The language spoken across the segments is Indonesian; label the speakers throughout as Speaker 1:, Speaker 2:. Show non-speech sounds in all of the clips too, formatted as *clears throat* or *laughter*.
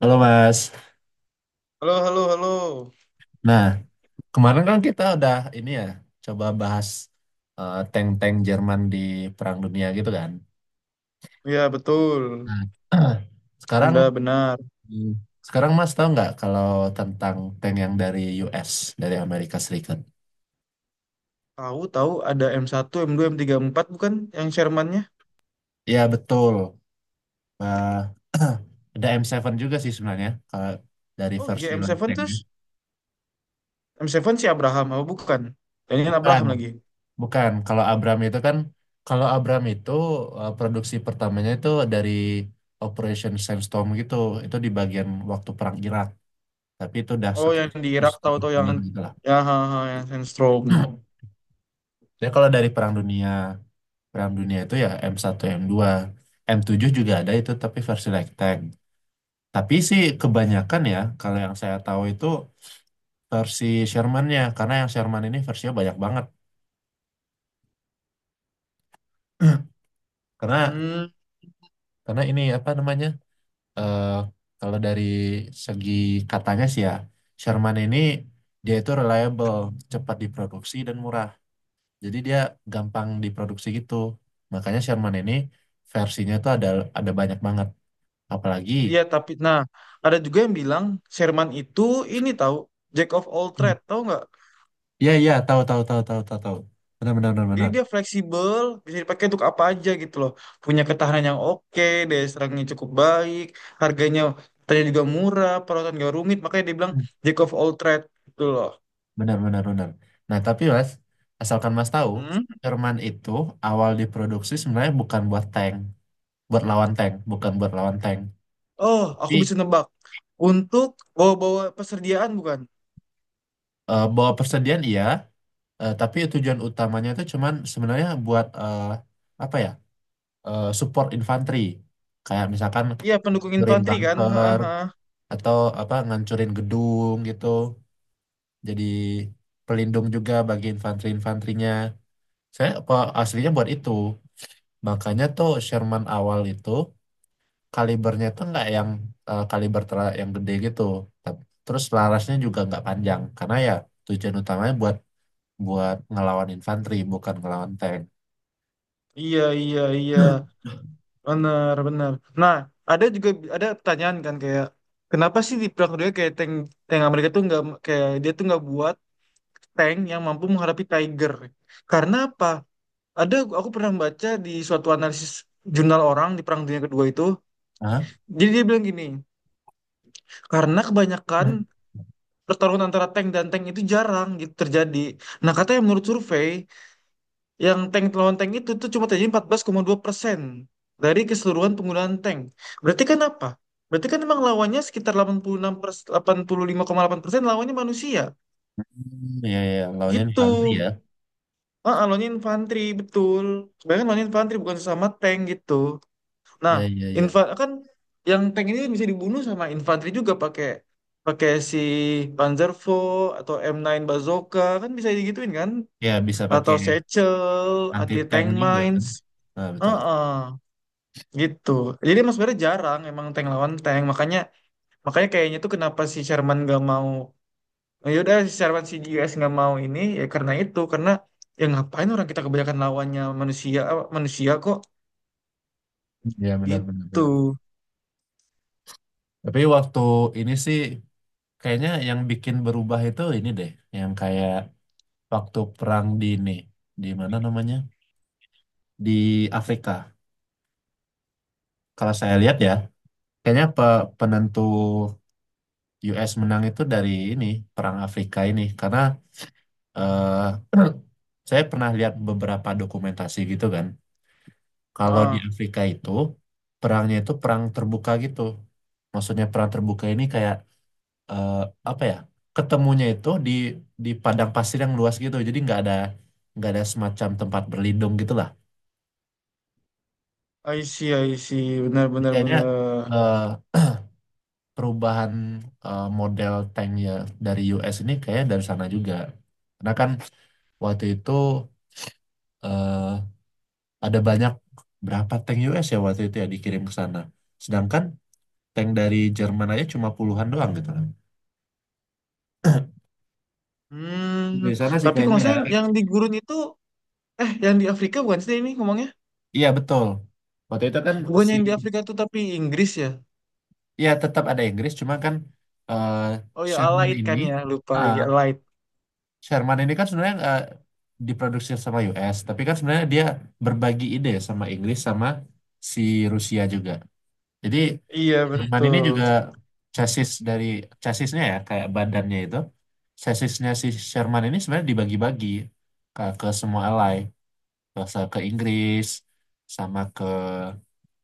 Speaker 1: Halo Mas.
Speaker 2: Halo, halo, halo.
Speaker 1: Nah, kemarin kan kita udah ini ya, coba bahas tank-tank Jerman di Perang Dunia gitu kan.
Speaker 2: Ya, betul.
Speaker 1: Nah, *clears throat* sekarang.
Speaker 2: Anda benar.
Speaker 1: Hmm. Sekarang Mas tahu nggak kalau tentang tank yang dari US, dari Amerika Serikat?
Speaker 2: Tahu, tahu ada M1 M2 M3 M4 bukan yang Sherman-nya?
Speaker 1: Ya betul. Eh, *clears throat* ada M7 juga sih sebenarnya, kalau dari
Speaker 2: Oh iya,
Speaker 1: versi
Speaker 2: m
Speaker 1: light
Speaker 2: tujuh
Speaker 1: tanknya.
Speaker 2: terus. M7 si Abraham, apa bukan? Ini kan
Speaker 1: Bukan.
Speaker 2: Abraham lagi.
Speaker 1: Bukan, kalau Abram itu kan, kalau Abram itu produksi pertamanya itu dari Operation Sandstorm gitu, itu di bagian waktu Perang Irak, tapi itu udah
Speaker 2: Oh, yang
Speaker 1: sekitar
Speaker 2: di Irak tahu
Speaker 1: 170
Speaker 2: tahu yang
Speaker 1: bulan gitu lah.
Speaker 2: ya ha, ha, yang Sandstrom.
Speaker 1: *clears throat* Jadi kalau dari Perang Dunia, Perang Dunia itu ya M1, M2, M7 juga ada itu tapi versi light tank. Tapi sih kebanyakan ya, kalau yang saya tahu itu versi Sherman-nya, karena yang Sherman ini versinya banyak banget. *clears throat* Karena
Speaker 2: Hmm,
Speaker 1: karena ini apa namanya? eh, kalau dari segi katanya sih ya, Sherman ini dia itu reliable, cepat diproduksi dan murah. Jadi dia gampang diproduksi gitu. Makanya Sherman ini versinya tuh ada banyak banget. Apalagi,
Speaker 2: iya tapi nah, ada juga yang bilang Sherman itu ini tahu Jack of all
Speaker 1: hmm,
Speaker 2: trade, tahu nggak?
Speaker 1: iya iya tahu tahu tahu tahu tahu tahu. Benar benar benar
Speaker 2: Jadi
Speaker 1: benar.
Speaker 2: dia fleksibel, bisa dipakai untuk apa aja gitu loh. Punya ketahanan yang oke, daya serangnya cukup baik, harganya ternyata juga murah, perawatan gak rumit, makanya dia bilang
Speaker 1: Hmm.
Speaker 2: jack of all trade gitu loh.
Speaker 1: Benar, benar, benar. Nah, tapi Mas, asalkan Mas tahu,
Speaker 2: Hmm?
Speaker 1: Sherman itu awal diproduksi sebenarnya bukan buat tank, buat lawan tank, bukan buat lawan tank.
Speaker 2: Oh, aku
Speaker 1: Tapi
Speaker 2: bisa nebak. Untuk bawa-bawa persediaan bukan?
Speaker 1: bawa persediaan iya. Eh, tapi tujuan utamanya itu cuman sebenarnya buat apa ya? Support infanteri. Kayak misalkan
Speaker 2: Iya, pendukung
Speaker 1: ngancurin
Speaker 2: infanteri kan?
Speaker 1: bunker
Speaker 2: Haha.
Speaker 1: atau apa ngancurin gedung gitu. Jadi pelindung juga bagi infanteri-infanterinya. Saya apa aslinya buat itu. Makanya tuh Sherman awal itu kalibernya tuh nggak yang kaliber yang gede gitu. Tap- Terus larasnya juga nggak panjang karena ya tujuan utamanya buat buat ngelawan infanteri bukan ngelawan tank.
Speaker 2: Iya, iya, iya. Benar, benar. Nah, ada juga ada pertanyaan kan kayak kenapa sih di perang dunia kayak tank tank Amerika tuh nggak kayak dia tuh nggak buat tank yang mampu menghadapi Tiger. Karena apa? Ada aku pernah baca di suatu analisis jurnal orang di Perang Dunia Kedua itu.
Speaker 1: Hah?
Speaker 2: Jadi dia bilang gini, karena kebanyakan pertarungan antara tank dan tank itu jarang gitu terjadi. Nah, katanya menurut survei, yang tank lawan tank itu tuh cuma terjadi 14,2% dari keseluruhan penggunaan tank. Berarti kan apa? Berarti kan emang lawannya sekitar 86% delapan puluh lima koma delapan persen lawannya manusia.
Speaker 1: Hmm, ya, iya, lawannya
Speaker 2: Gitu.
Speaker 1: infanteri ya.
Speaker 2: Ah, lone infantry betul. Sebenarnya lone infantry bukan sesama tank gitu. Nah,
Speaker 1: Ya, ya, ya,
Speaker 2: infa kan yang tank ini bisa dibunuh sama infanteri juga pakai pakai si Panzervo atau M9 Bazooka kan bisa digituin kan?
Speaker 1: ya bisa pakai
Speaker 2: Atau Satchel,
Speaker 1: anti
Speaker 2: anti
Speaker 1: tank
Speaker 2: tank
Speaker 1: juga kan.
Speaker 2: mines.
Speaker 1: Nah, betul.
Speaker 2: Heeh, gitu. Jadi emang sebenarnya jarang emang tank lawan tank. Makanya makanya kayaknya tuh kenapa si Sherman gak mau. Nah, yaudah secara si US nggak mau ini ya karena itu karena ya ngapain orang kita kebanyakan lawannya manusia manusia kok
Speaker 1: Betul. Iya, benar, benar, benar.
Speaker 2: gitu.
Speaker 1: Tapi waktu ini sih kayaknya yang bikin berubah itu ini deh, yang kayak waktu perang di ini, di mana namanya? Di Afrika. Kalau saya lihat ya, kayaknya penentu US menang itu dari ini, perang Afrika ini. Karena eh, *clears throat* saya pernah lihat beberapa dokumentasi gitu kan. Kalau di
Speaker 2: Ah,
Speaker 1: Afrika itu perangnya itu perang terbuka gitu. Maksudnya perang terbuka ini kayak eh, apa ya? Ketemunya itu di padang pasir yang luas gitu. Jadi nggak ada semacam tempat berlindung gitulah.
Speaker 2: I see, I see, benar,
Speaker 1: Jadi
Speaker 2: benar,
Speaker 1: kayaknya
Speaker 2: benar.
Speaker 1: eh, perubahan model tanknya dari US ini kayaknya dari sana juga. Karena kan waktu itu eh, ada banyak berapa tank US ya waktu itu ya dikirim ke sana. Sedangkan tank dari Jerman aja cuma puluhan doang gitu kan.
Speaker 2: Hmm,
Speaker 1: Di sana sih
Speaker 2: tapi kalau
Speaker 1: kayaknya
Speaker 2: nggak
Speaker 1: ya.
Speaker 2: salah yang di gurun itu yang di Afrika bukan sih ini ngomongnya.
Speaker 1: Iya betul. Waktu itu kan
Speaker 2: Bukan
Speaker 1: si
Speaker 2: yang di Afrika tuh tapi Inggris ya.
Speaker 1: ya tetap ada Inggris cuma kan eh,
Speaker 2: Oh ya,
Speaker 1: Sherman
Speaker 2: Allied
Speaker 1: ini
Speaker 2: kan ya lupa
Speaker 1: ah,
Speaker 2: lagi Allied.
Speaker 1: Sherman ini kan sebenarnya diproduksi sama US tapi kan sebenarnya dia berbagi ide sama Inggris sama si Rusia juga. Jadi
Speaker 2: Iya
Speaker 1: Sherman ini
Speaker 2: betul.
Speaker 1: juga chassis dari chassisnya ya kayak badannya itu chassisnya si Sherman ini sebenarnya dibagi-bagi ke semua ally ke, ke Inggris sama ke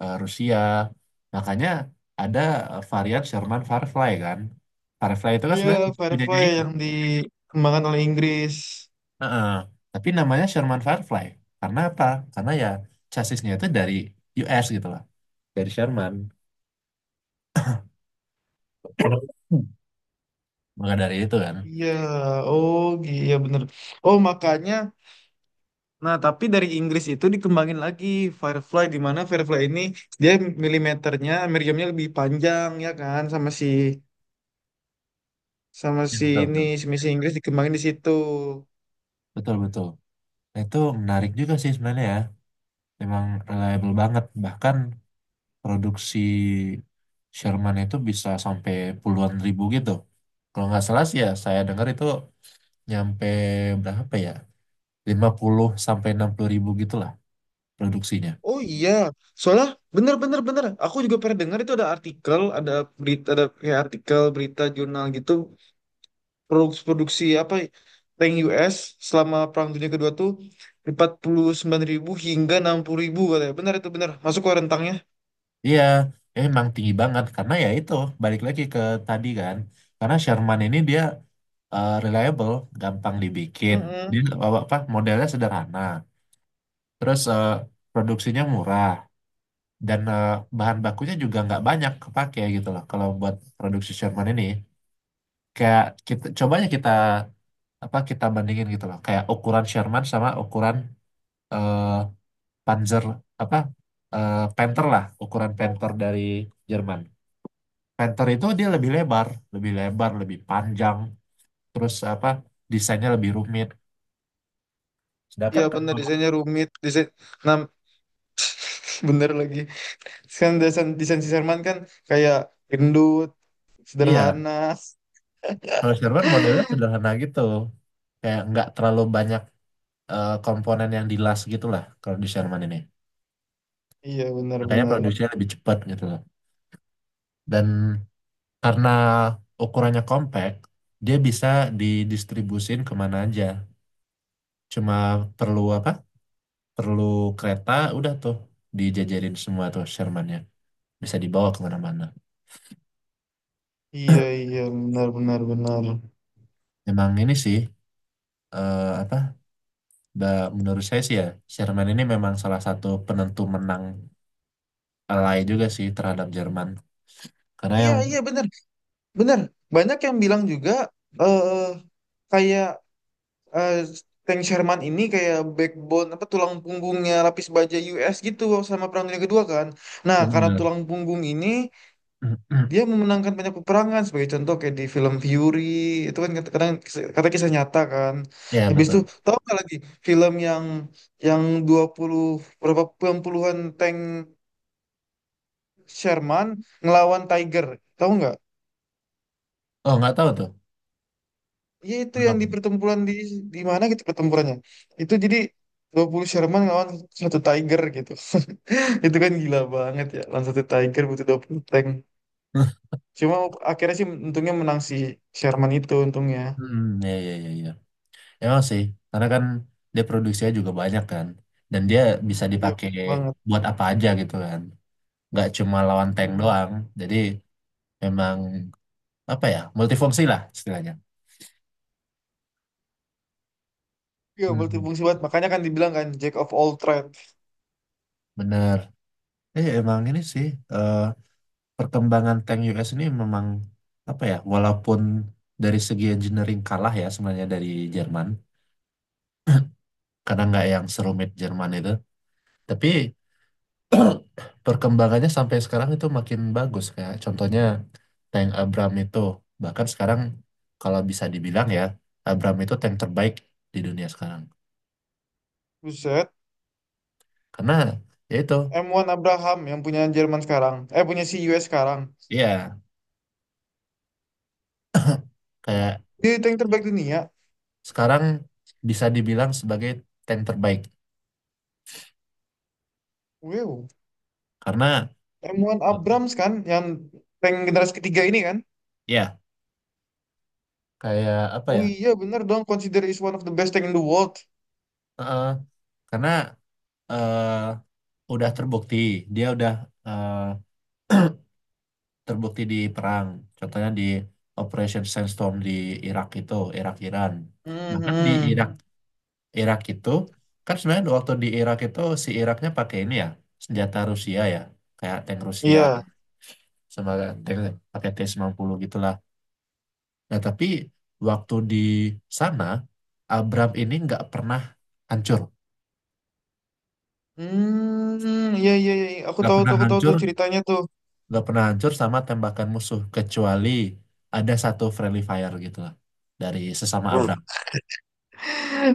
Speaker 1: Rusia. Makanya ada varian Sherman Firefly kan. Firefly itu kan
Speaker 2: Iya.
Speaker 1: sebenarnya punyanya
Speaker 2: Firefly
Speaker 1: ini.
Speaker 2: yang dikembangkan oleh Inggris.
Speaker 1: Heeh. Tapi namanya Sherman Firefly. Karena apa? Karena ya chassisnya itu dari US gitu lah. Dari Sherman. *coughs* *clears throat* Maka dari itu kan.
Speaker 2: Iya. Oh. Iya benar. Oh makanya. Nah, tapi dari Inggris itu dikembangin lagi Firefly di mana Firefly ini dia milimeternya, meriamnya lebih panjang ya kan sama si
Speaker 1: Iya, betul,
Speaker 2: ini
Speaker 1: betul.
Speaker 2: si misi Inggris dikembangin di situ.
Speaker 1: Betul, betul. Nah, itu menarik juga sih sebenarnya ya. Memang reliable banget. Bahkan produksi Sherman itu bisa sampai puluhan ribu gitu. Kalau nggak salah sih ya, saya dengar itu nyampe berapa ya? 50 sampai 60 ribu gitulah produksinya.
Speaker 2: Oh iya, soalnya bener, bener, bener. Aku juga pernah dengar itu ada artikel, ada berita, ada kayak artikel berita jurnal gitu produksi apa tank US selama Perang Dunia Kedua tuh 49.000 hingga 60.000 katanya. Bener itu bener. Masuk ke rentangnya.
Speaker 1: Iya, emang tinggi banget karena ya itu balik lagi ke tadi kan. Karena Sherman ini dia reliable, gampang dibikin. Dia apa modelnya sederhana. Terus produksinya murah dan bahan bakunya juga nggak banyak kepake gitu loh kalau buat produksi Sherman ini. Kayak kita cobanya kita apa kita bandingin gitu loh. Kayak ukuran Sherman sama ukuran eh, Panzer apa Panther lah ukuran Panther dari Jerman. Panther itu dia lebih lebar, lebih panjang, terus apa desainnya lebih rumit. Sedangkan
Speaker 2: Iya bener
Speaker 1: kalau
Speaker 2: desainnya rumit desain, nah, *laughs* bener lagi kan desain desain si Sherman kan kayak gendut
Speaker 1: iya
Speaker 2: sederhana.
Speaker 1: kalau Jerman modelnya sederhana gitu, kayak nggak terlalu banyak komponen yang dilas gitu lah kalau di Jerman ini.
Speaker 2: Iya bener
Speaker 1: Makanya
Speaker 2: bener.
Speaker 1: produksinya lebih cepat gitu loh. Dan karena ukurannya compact, dia bisa didistribusin kemana aja. Cuma perlu apa? Perlu kereta udah tuh dijajarin semua tuh Sherman-nya bisa dibawa kemana-mana
Speaker 2: Iya, iya, benar-benar, benar, benar.
Speaker 1: memang ini sih apa menurut saya sih ya Sherman ini memang salah satu penentu menang Alai juga sih terhadap Jerman karena
Speaker 2: Iya,
Speaker 1: yang
Speaker 2: iya, benar, benar. Banyak yang bilang juga eh kayak eh, Tank Sherman ini kayak backbone apa tulang punggungnya lapis baja US gitu sama Perang Dunia Kedua kan, nah karena
Speaker 1: benar.
Speaker 2: tulang punggung ini dia
Speaker 1: *clears throat*
Speaker 2: memenangkan banyak peperangan sebagai contoh kayak di film Fury itu kan kadang kata kisah nyata kan.
Speaker 1: Ya
Speaker 2: Habis
Speaker 1: betul.
Speaker 2: itu tahu nggak lagi film yang yang 20 berapa puluhan puluhan tank Sherman ngelawan Tiger, tahu nggak?
Speaker 1: Oh, nggak tahu tuh.
Speaker 2: Ya itu yang
Speaker 1: Kenapa
Speaker 2: di
Speaker 1: tuh?
Speaker 2: pertempuran di mana gitu pertempurannya. Itu jadi 20 Sherman ngelawan satu Tiger gitu. *laughs* Itu kan gila banget ya lawan satu Tiger butuh 20 tank.
Speaker 1: *laughs*
Speaker 2: Cuma akhirnya sih untungnya menang si Sherman itu untungnya.
Speaker 1: Hmm, ya, ya, ya, ya. Emang sih, karena kan dia produksinya juga banyak kan, dan dia bisa
Speaker 2: Iya
Speaker 1: dipakai
Speaker 2: banget.
Speaker 1: buat apa aja gitu kan. Nggak cuma lawan tank
Speaker 2: Mm-mm.
Speaker 1: doang, jadi memang apa ya multifungsi lah istilahnya.
Speaker 2: Iya,
Speaker 1: Hmm,
Speaker 2: multifungsi banget. Makanya kan dibilang kan Jack of all trades.
Speaker 1: bener emang ini sih eh, perkembangan tank US ini memang apa ya walaupun dari segi engineering kalah ya sebenarnya dari Jerman karena nggak yang serumit Jerman itu tapi *clears throat* perkembangannya sampai sekarang itu makin bagus kayak contohnya tank Abram itu bahkan sekarang kalau bisa dibilang ya Abram itu tank terbaik di dunia sekarang
Speaker 2: Buset.
Speaker 1: karena ya itu
Speaker 2: M1 Abraham yang punya Jerman sekarang. Eh, punya si US sekarang.
Speaker 1: iya
Speaker 2: Emang
Speaker 1: kayak
Speaker 2: dia tank terbaik dunia?
Speaker 1: sekarang bisa dibilang sebagai tank terbaik
Speaker 2: Wow.
Speaker 1: karena
Speaker 2: M1
Speaker 1: eh,
Speaker 2: Abrams kan yang tank generasi ketiga ini kan?
Speaker 1: ya kayak apa
Speaker 2: Oh
Speaker 1: ya
Speaker 2: iya, bener dong. Consider is one of the best tank in the world.
Speaker 1: eh, karena eh, udah terbukti dia udah eh, terbukti di perang contohnya di Operation Sandstorm di Irak itu Irak Iran nah kan di
Speaker 2: Mhm.
Speaker 1: Irak Irak itu kan sebenarnya waktu di Irak itu si Iraknya pakai ini ya senjata Rusia ya kayak tank Rusia
Speaker 2: Iya.
Speaker 1: sebagai tank pakai T-90 gitu. Nah, tapi waktu di sana, Abram ini nggak pernah hancur.
Speaker 2: Hmm, iya, iya, iya.
Speaker 1: Nggak pernah
Speaker 2: Aku tahu
Speaker 1: hancur,
Speaker 2: tuh ceritanya tuh.
Speaker 1: nggak pernah hancur sama tembakan musuh. Kecuali ada satu friendly fire gitu lah. Dari sesama Abram.
Speaker 2: *laughs*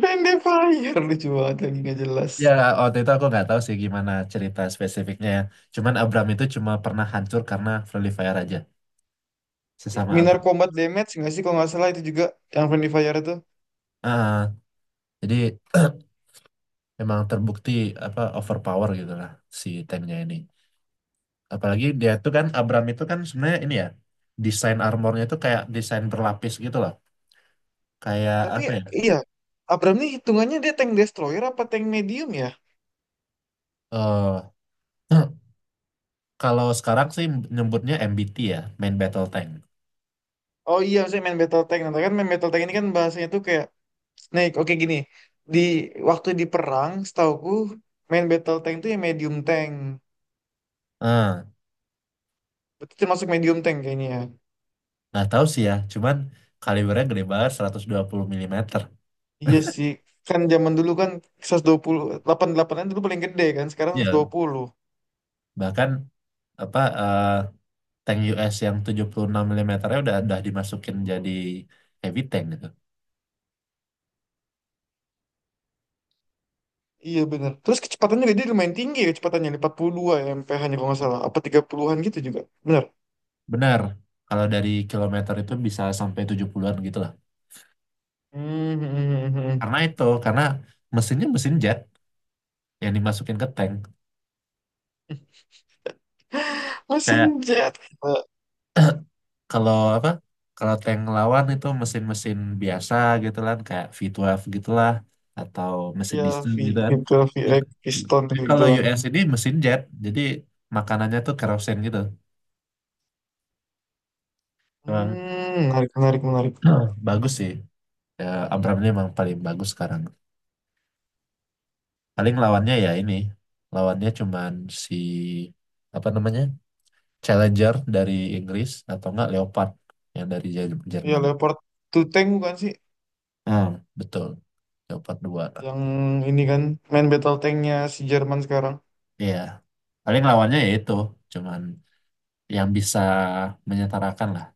Speaker 2: Land Fire, lucu banget lagi nggak jelas.
Speaker 1: Ya, waktu itu aku nggak tahu sih gimana cerita spesifiknya ya. Cuman Abram itu cuma pernah hancur karena friendly fire aja. Sesama
Speaker 2: Minor
Speaker 1: Abram.
Speaker 2: Combat Damage nggak sih kalau nggak salah itu juga yang Friendly Fire itu.
Speaker 1: Ah, jadi *clears throat* emang terbukti apa overpower gitu lah si tanknya ini. Apalagi dia tuh kan Abram itu kan sebenarnya ini ya desain armornya itu kayak desain berlapis gitu loh. Kayak
Speaker 2: Tapi
Speaker 1: apa ya?
Speaker 2: iya, Abram nih hitungannya dia tank destroyer apa tank medium ya?
Speaker 1: eh *clears throat* kalau sekarang sih nyebutnya MBT ya, main battle tank.
Speaker 2: Oh iya, saya main battle tank. Nah, kan main battle tank ini kan bahasanya tuh kayak Snake. Oke gini, di waktu di perang, setauku main battle tank tuh yang medium tank.
Speaker 1: Ah,
Speaker 2: Berarti termasuk medium tank kayaknya ya.
Speaker 1: nggak tahu sih ya, cuman kalibernya gede banget 120 mm.
Speaker 2: Iya sih, kan zaman dulu kan 128 an dulu paling gede kan, sekarang
Speaker 1: *laughs*
Speaker 2: seratus
Speaker 1: Ya,
Speaker 2: dua puluh
Speaker 1: bahkan apa tank US yang 76 mm-nya udah dimasukin jadi heavy tank gitu.
Speaker 2: Iya bener. Terus kecepatannya juga dia lumayan tinggi ya kecepatannya, 42 ya MPH-nya kalau nggak salah. Apa 30-an gitu juga, bener.
Speaker 1: Benar. Kalau dari kilometer itu bisa sampai 70-an gitu lah.
Speaker 2: Hmm, hmm, hmm, hmm.
Speaker 1: Karena itu, karena mesinnya mesin jet yang dimasukin ke tank
Speaker 2: *laughs*
Speaker 1: kayak
Speaker 2: Mesin jet. Eh,
Speaker 1: kalau apa kalau tank lawan itu mesin-mesin biasa gitu kan kayak V12 gitulah atau mesin
Speaker 2: ya,
Speaker 1: diesel
Speaker 2: V
Speaker 1: gitu kan
Speaker 2: gitu,
Speaker 1: Dia-
Speaker 2: V x piston
Speaker 1: tapi kalau
Speaker 2: gituan.
Speaker 1: US ini mesin jet jadi makanannya tuh kerosen gitu emang
Speaker 2: Hmm, menarik, menarik, menarik.
Speaker 1: *clears throat* bagus sih ya, Abrams ini emang paling bagus sekarang paling lawannya ya ini lawannya cuman si apa namanya Challenger dari Inggris atau enggak Leopard yang dari
Speaker 2: Ya,
Speaker 1: Jerman.
Speaker 2: Leopard 2 tank bukan sih?
Speaker 1: Hmm, betul, Leopard 2.
Speaker 2: Yang ini kan, main battle tanknya si Jerman sekarang.
Speaker 1: Iya, paling lawannya ya itu, cuman yang bisa menyetarakan lah.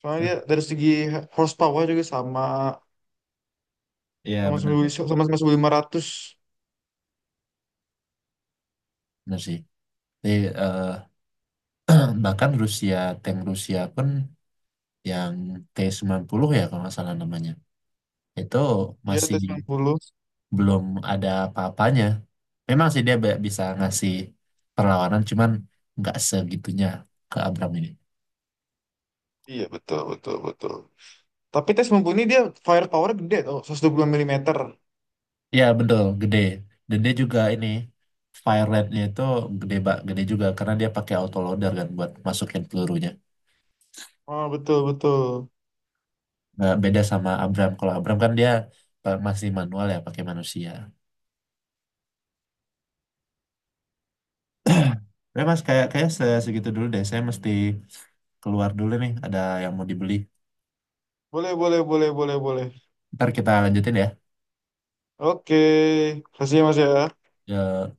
Speaker 2: Soalnya
Speaker 1: Aduh,
Speaker 2: dia dari segi horsepower juga sama,
Speaker 1: iya
Speaker 2: sama
Speaker 1: benar,
Speaker 2: sama 1.500.
Speaker 1: benar sih. Jadi, eh, *clears throat* bahkan Rusia, tank Rusia pun yang T-90 ya kalau nggak salah namanya, itu
Speaker 2: Iya, t
Speaker 1: masih
Speaker 2: sembilan puluh
Speaker 1: belum ada apa-apanya. Memang sih dia bisa ngasih perlawanan, cuman nggak segitunya ke Abram ini.
Speaker 2: Iya, betul, betul, betul. Tapi T-90 ini dia firepower gede tuh, 120 mm.
Speaker 1: Iya betul, gede. Dan dia juga ini fire rate-nya itu gede, gede juga karena dia pakai autoloader kan buat masukin pelurunya.
Speaker 2: Oh, betul, betul.
Speaker 1: Nah, beda sama Abram. Kalau Abram kan dia masih manual ya, pakai manusia. Ya mas, kayak kayak segitu dulu deh. Saya mesti keluar dulu nih. Ada yang mau dibeli.
Speaker 2: Boleh, boleh, boleh, boleh, boleh.
Speaker 1: Ntar kita lanjutin ya.
Speaker 2: Oke, kasih ya, Mas ya.
Speaker 1: Ya,